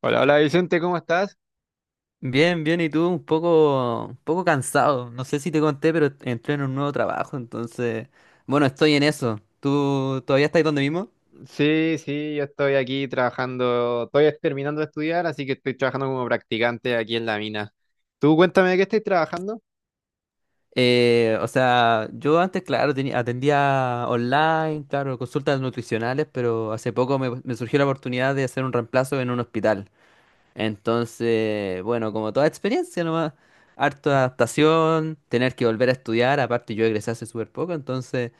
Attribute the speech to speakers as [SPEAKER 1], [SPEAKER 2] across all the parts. [SPEAKER 1] Hola, hola Vicente, ¿cómo estás?
[SPEAKER 2] Bien, bien, y tú un poco cansado. No sé si te conté, pero entré en un nuevo trabajo, entonces, bueno, estoy en eso. ¿Tú todavía estás donde mismo?
[SPEAKER 1] Sí, sí, yo estoy aquí trabajando, estoy terminando de estudiar, así que estoy trabajando como practicante aquí en la mina. Tú cuéntame de qué estás trabajando.
[SPEAKER 2] O sea, yo antes, claro, atendía online, claro, consultas nutricionales, pero hace poco me surgió la oportunidad de hacer un reemplazo en un hospital. Entonces, bueno, como toda experiencia nomás, harta adaptación, tener que volver a estudiar, aparte yo egresé hace súper poco.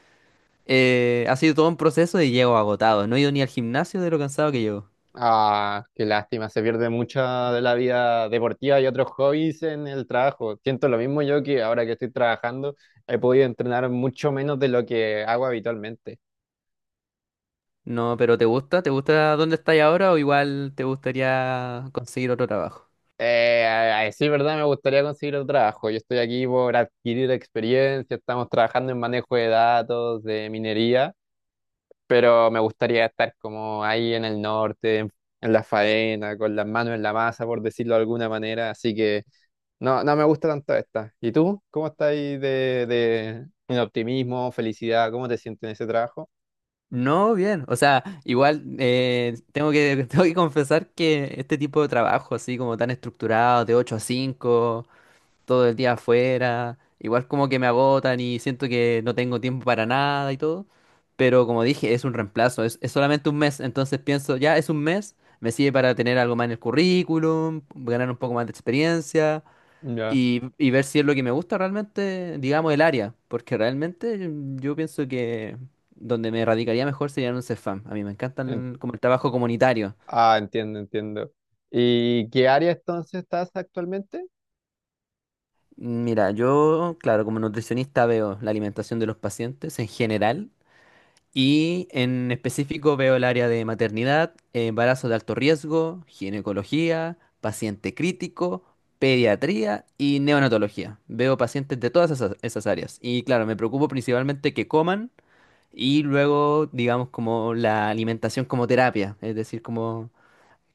[SPEAKER 2] Ha sido todo un proceso y llego agotado. No he ido ni al gimnasio de lo cansado que llego.
[SPEAKER 1] Ah, qué lástima, se pierde mucha de la vida deportiva y otros hobbies en el trabajo. Siento lo mismo yo que ahora que estoy trabajando he podido entrenar mucho menos de lo que hago habitualmente.
[SPEAKER 2] No, pero ¿te gusta? ¿Te gusta dónde estás ahora o igual te gustaría conseguir otro trabajo?
[SPEAKER 1] Sí, verdad, me gustaría conseguir otro trabajo. Yo estoy aquí por adquirir experiencia, estamos trabajando en manejo de datos, de minería, pero me gustaría estar como ahí en el norte, en la faena, con las manos en la masa, por decirlo de alguna manera, así que no me gusta tanto esta. ¿Y tú? ¿Cómo estás ahí de en optimismo, felicidad? ¿Cómo te sientes en ese trabajo?
[SPEAKER 2] No, bien. O sea, igual tengo que, tengo que confesar que este tipo de trabajo, así como tan estructurado, de 8 a 5, todo el día afuera, igual como que me agotan y siento que no tengo tiempo para nada y todo, pero como dije, es un reemplazo, es solamente un mes, entonces pienso, ya es un mes, me sirve para tener algo más en el currículum, ganar un poco más de experiencia
[SPEAKER 1] Ya.
[SPEAKER 2] y ver si es lo que me gusta realmente, digamos, el área, porque realmente yo pienso que. Donde me radicaría mejor sería en un CEFAM. A mí me
[SPEAKER 1] en-
[SPEAKER 2] encantan como el trabajo comunitario.
[SPEAKER 1] ah, entiendo, entiendo. ¿Y qué área entonces estás actualmente?
[SPEAKER 2] Mira, yo, claro, como nutricionista veo la alimentación de los pacientes en general. Y en específico veo el área de maternidad, embarazo de alto riesgo, ginecología, paciente crítico, pediatría y neonatología. Veo pacientes de todas esas áreas. Y claro, me preocupo principalmente que coman y luego, digamos, como la alimentación como terapia, es decir,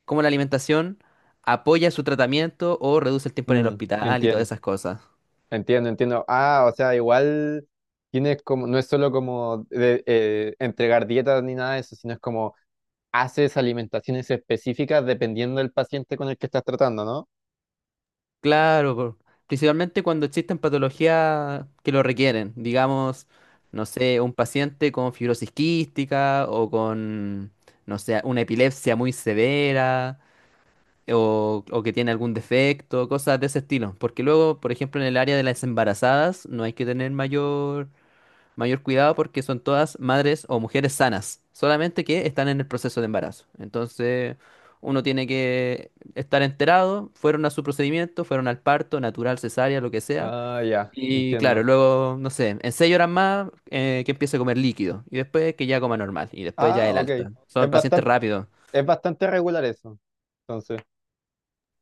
[SPEAKER 2] como la alimentación apoya su tratamiento o reduce el tiempo en el
[SPEAKER 1] Mm,
[SPEAKER 2] hospital y todas
[SPEAKER 1] entiendo,
[SPEAKER 2] esas cosas.
[SPEAKER 1] entiendo. Ah, o sea, igual tienes como, no es solo como entregar dietas ni nada de eso, sino es como haces alimentaciones específicas dependiendo del paciente con el que estás tratando, ¿no?
[SPEAKER 2] Claro, principalmente cuando existen patologías que lo requieren, digamos, no sé, un paciente con fibrosis quística o con, no sé, una epilepsia muy severa o, que tiene algún defecto, cosas de ese estilo. Porque luego, por ejemplo, en el área de las embarazadas no hay que tener mayor cuidado porque son todas madres o mujeres sanas, solamente que están en el proceso de embarazo. Entonces, uno tiene que estar enterado, fueron a su procedimiento, fueron al parto, natural, cesárea, lo que sea.
[SPEAKER 1] Ah, ya,
[SPEAKER 2] Y claro,
[SPEAKER 1] entiendo.
[SPEAKER 2] luego, no sé, en 6 horas más que empiece a comer líquido y después que ya coma normal y después
[SPEAKER 1] Ah,
[SPEAKER 2] ya el
[SPEAKER 1] ok.
[SPEAKER 2] alta. Son
[SPEAKER 1] Es
[SPEAKER 2] pacientes
[SPEAKER 1] bastante,
[SPEAKER 2] rápidos.
[SPEAKER 1] es bastante regular eso. Entonces,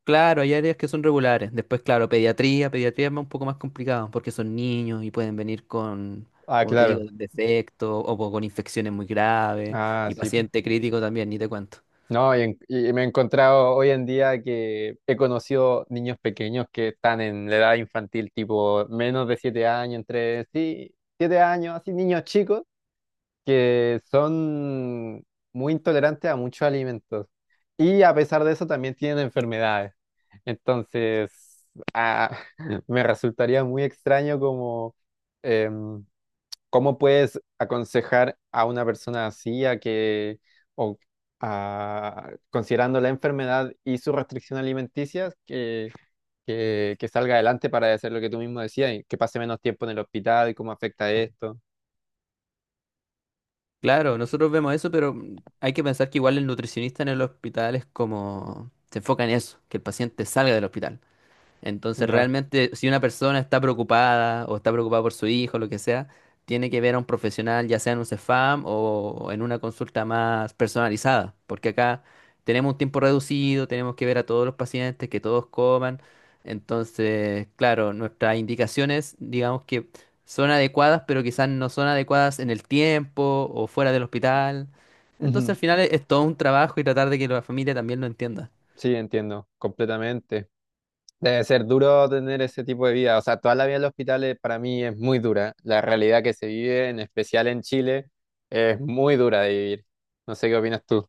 [SPEAKER 2] Claro, hay áreas que son regulares. Después, claro, pediatría, pediatría es un poco más complicado porque son niños y pueden venir con,
[SPEAKER 1] ah,
[SPEAKER 2] como te
[SPEAKER 1] claro.
[SPEAKER 2] digo, defectos o con infecciones muy graves
[SPEAKER 1] Ah,
[SPEAKER 2] y
[SPEAKER 1] sí, po.
[SPEAKER 2] paciente crítico también, ni te cuento.
[SPEAKER 1] No, y, y me he encontrado hoy en día que he conocido niños pequeños que están en la edad infantil, tipo menos de 7 años, entre sí, 7 años, así niños chicos que son muy intolerantes a muchos alimentos y a pesar de eso también tienen enfermedades. Entonces, ah, me resultaría muy extraño como em, cómo puedes aconsejar a una persona así a que o considerando la enfermedad y su restricción alimenticia que salga adelante para hacer lo que tú mismo decías y que pase menos tiempo en el hospital y cómo afecta esto.
[SPEAKER 2] Claro, nosotros vemos eso, pero hay que pensar que igual el nutricionista en el hospital es como, se enfoca en eso, que el paciente salga del hospital. Entonces,
[SPEAKER 1] Ya.
[SPEAKER 2] realmente, si una persona está preocupada o está preocupada por su hijo, lo que sea, tiene que ver a un profesional, ya sea en un CEFAM o en una consulta más personalizada, porque acá tenemos un tiempo reducido, tenemos que ver a todos los pacientes, que todos coman. Entonces, claro, nuestras indicaciones, digamos que son adecuadas, pero quizás no son adecuadas en el tiempo o fuera del hospital. Entonces, al
[SPEAKER 1] Ujú.
[SPEAKER 2] final es todo un trabajo y tratar de que la familia también lo entienda.
[SPEAKER 1] Sí, entiendo, completamente. Debe ser duro tener ese tipo de vida. O sea, toda la vida en los hospitales para mí es muy dura. La realidad que se vive, en especial en Chile, es muy dura de vivir. No sé qué opinas tú.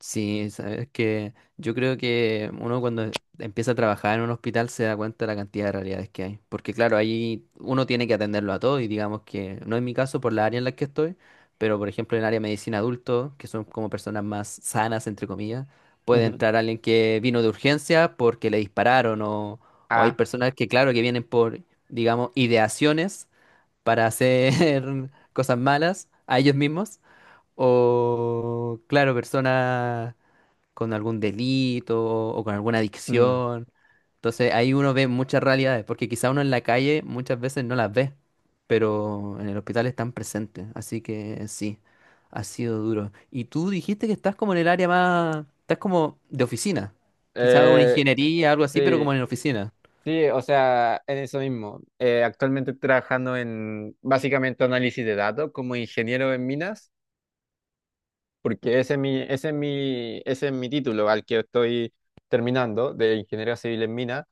[SPEAKER 2] Sí, sabes que yo creo que uno cuando empieza a trabajar en un hospital se da cuenta de la cantidad de realidades que hay. Porque claro, ahí uno tiene que atenderlo a todo y digamos que no es mi caso por la área en la que estoy, pero por ejemplo en el área de medicina adulto, que son como personas más sanas, entre comillas, puede
[SPEAKER 1] Ujú.
[SPEAKER 2] entrar alguien que vino de urgencia porque le dispararon o, hay
[SPEAKER 1] Ah,
[SPEAKER 2] personas que claro que vienen por, digamos, ideaciones para hacer cosas malas a ellos mismos o claro, personas con algún delito o con alguna
[SPEAKER 1] mm.
[SPEAKER 2] adicción. Entonces ahí uno ve muchas realidades, porque quizá uno en la calle muchas veces no las ve, pero en el hospital están presentes. Así que sí, ha sido duro. Y tú dijiste que estás como en el área más, estás como de oficina, quizá una
[SPEAKER 1] Eh,
[SPEAKER 2] ingeniería, algo así, pero como
[SPEAKER 1] sí,
[SPEAKER 2] en la oficina.
[SPEAKER 1] sí, o sea, en eso mismo. Actualmente estoy trabajando en básicamente análisis de datos como ingeniero en minas, porque ese es mi, ese es mi, ese es mi título al que estoy terminando de ingeniero civil en minas.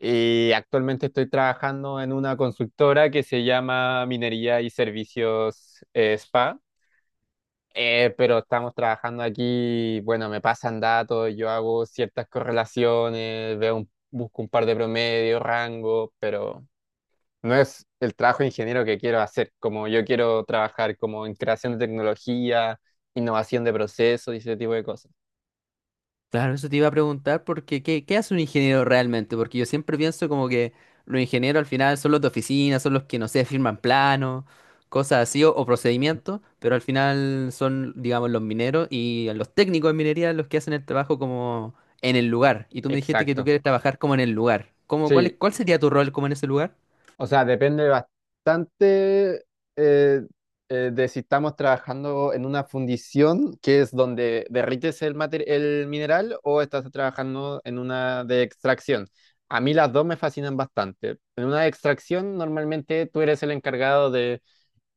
[SPEAKER 1] Y actualmente estoy trabajando en una consultora que se llama Minería y Servicios Spa. Pero estamos trabajando aquí, bueno, me pasan datos, yo hago ciertas correlaciones, veo busco un par de promedios, rango, pero no es el trabajo de ingeniero que quiero hacer, como yo quiero trabajar como en creación de tecnología, innovación de procesos y ese tipo de cosas.
[SPEAKER 2] Claro, eso te iba a preguntar porque ¿qué hace un ingeniero realmente? Porque yo siempre pienso como que los ingenieros al final son los de oficina, son los que, no sé, firman planos, cosas así, o, procedimientos, pero al final son, digamos, los mineros y los técnicos de minería los que hacen el trabajo como en el lugar. Y tú me dijiste que tú
[SPEAKER 1] Exacto.
[SPEAKER 2] quieres trabajar como en el lugar. ¿Cómo, cuál,
[SPEAKER 1] Sí,
[SPEAKER 2] cuál sería tu rol como en ese lugar?
[SPEAKER 1] o sea, depende bastante eh, de si estamos trabajando en una fundición, que es donde derrites el el mineral, o estás trabajando en una de extracción. A mí las dos me fascinan bastante. En una de extracción, normalmente tú eres el encargado de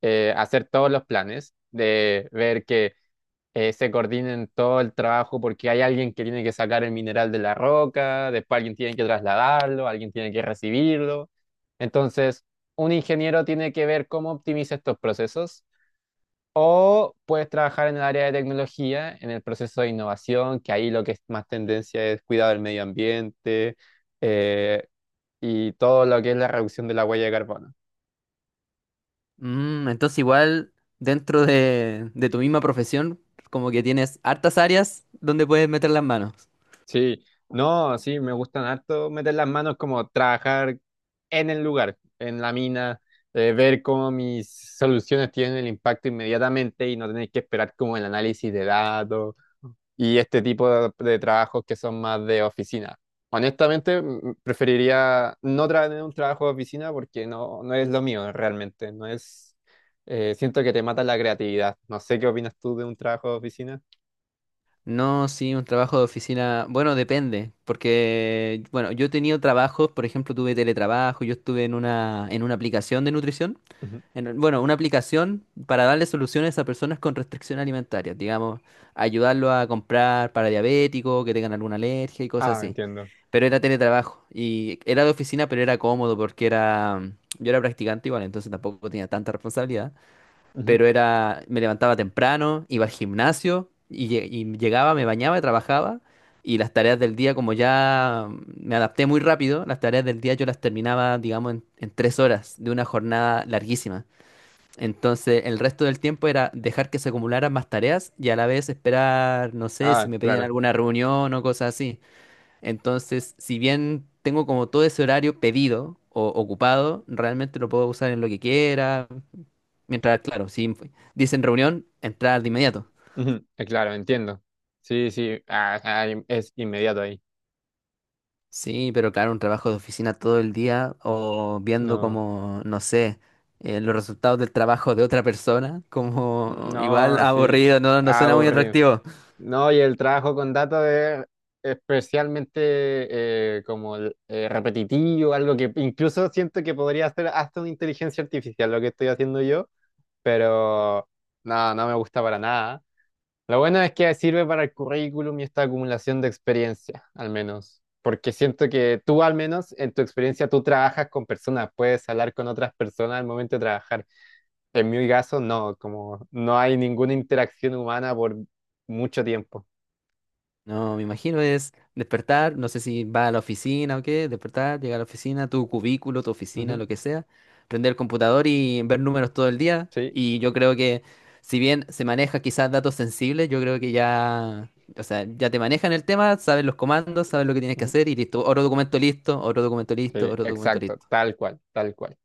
[SPEAKER 1] hacer todos los planes, de ver que se coordinen todo el trabajo porque hay alguien que tiene que sacar el mineral de la roca, después alguien tiene que trasladarlo, alguien tiene que recibirlo. Entonces, un ingeniero tiene que ver cómo optimiza estos procesos o puedes trabajar en el área de tecnología, en el proceso de innovación, que ahí lo que es más tendencia es cuidado del medio ambiente eh, y todo lo que es la reducción de la huella de carbono.
[SPEAKER 2] Entonces igual dentro de tu misma profesión, como que tienes hartas áreas donde puedes meter las manos.
[SPEAKER 1] Sí, no, sí, me gustan harto meter las manos como trabajar en el lugar, en la mina, ver cómo mis soluciones tienen el impacto inmediatamente y no tener que esperar como el análisis de datos y este tipo de trabajos que son más de oficina. Honestamente, preferiría no tener un trabajo de oficina porque no, no es lo mío realmente, no es, siento que te mata la creatividad. No sé qué opinas tú de un trabajo de oficina.
[SPEAKER 2] No, sí, un trabajo de oficina, bueno, depende, porque, bueno, yo he tenido trabajos, por ejemplo, tuve teletrabajo, yo estuve en una aplicación de nutrición,
[SPEAKER 1] Ujú.
[SPEAKER 2] bueno, una aplicación para darle soluciones a personas con restricción alimentaria, digamos, ayudarlo a comprar para diabéticos, que tengan alguna alergia y cosas
[SPEAKER 1] Ah,
[SPEAKER 2] así.
[SPEAKER 1] entiendo.
[SPEAKER 2] Pero era teletrabajo y era de oficina, pero era cómodo porque era, yo era practicante igual, entonces tampoco tenía tanta responsabilidad,
[SPEAKER 1] Ujú.
[SPEAKER 2] pero era, me levantaba temprano, iba al gimnasio y, y llegaba, me bañaba, trabajaba, y las tareas del día, como ya me adapté muy rápido, las tareas del día yo las terminaba, digamos, en 3 horas de una jornada larguísima. Entonces, el resto del tiempo era dejar que se acumularan más tareas y a la vez esperar, no sé, si
[SPEAKER 1] Ah,
[SPEAKER 2] me pedían
[SPEAKER 1] claro.
[SPEAKER 2] alguna reunión o cosas así. Entonces, si bien tengo como todo ese horario pedido o ocupado, realmente lo puedo usar en lo que quiera. Mientras, claro, si dicen reunión, entrar de inmediato.
[SPEAKER 1] Ujú, claro, entiendo. Sí, sí, ah, ah, es inmediato ahí.
[SPEAKER 2] Sí, pero claro, un trabajo de oficina todo el día o viendo
[SPEAKER 1] No,
[SPEAKER 2] como, no sé, los resultados del trabajo de otra persona, como igual
[SPEAKER 1] no, sí,
[SPEAKER 2] aburrido, no, no
[SPEAKER 1] ah,
[SPEAKER 2] suena muy
[SPEAKER 1] aburrido.
[SPEAKER 2] atractivo.
[SPEAKER 1] No, y el trabajo con datos es especialmente repetitivo, algo que incluso siento que podría hacer hasta una inteligencia artificial, lo que estoy haciendo yo, pero no, no me gusta para nada. Lo bueno es que sirve para el currículum y esta acumulación de experiencia, al menos. Porque siento que tú, al menos, en tu experiencia, tú trabajas con personas, puedes hablar con otras personas al momento de trabajar. En mi caso, no, como no hay ninguna interacción humana por mucho tiempo.
[SPEAKER 2] No, me imagino es despertar, no sé si va a la oficina o qué, despertar, llegar a la oficina, tu cubículo, tu oficina,
[SPEAKER 1] Ujú.
[SPEAKER 2] lo que sea, prender el computador y ver números todo el día.
[SPEAKER 1] Sí,
[SPEAKER 2] Y yo creo que si bien se maneja quizás datos sensibles, yo creo que ya, o sea, ya te manejan el tema, sabes los comandos, sabes lo que tienes que
[SPEAKER 1] ujú,
[SPEAKER 2] hacer y listo. Otro documento listo, otro documento listo,
[SPEAKER 1] sí,
[SPEAKER 2] otro documento
[SPEAKER 1] exacto,
[SPEAKER 2] listo.
[SPEAKER 1] tal cual, tal cual.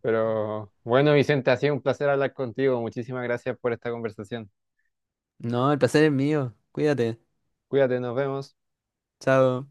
[SPEAKER 1] Pero bueno, Vicente, ha sido un placer hablar contigo. Muchísimas gracias por esta conversación.
[SPEAKER 2] No, el placer es mío. Cuídate.
[SPEAKER 1] Cuídate, nos vemos.
[SPEAKER 2] Chao.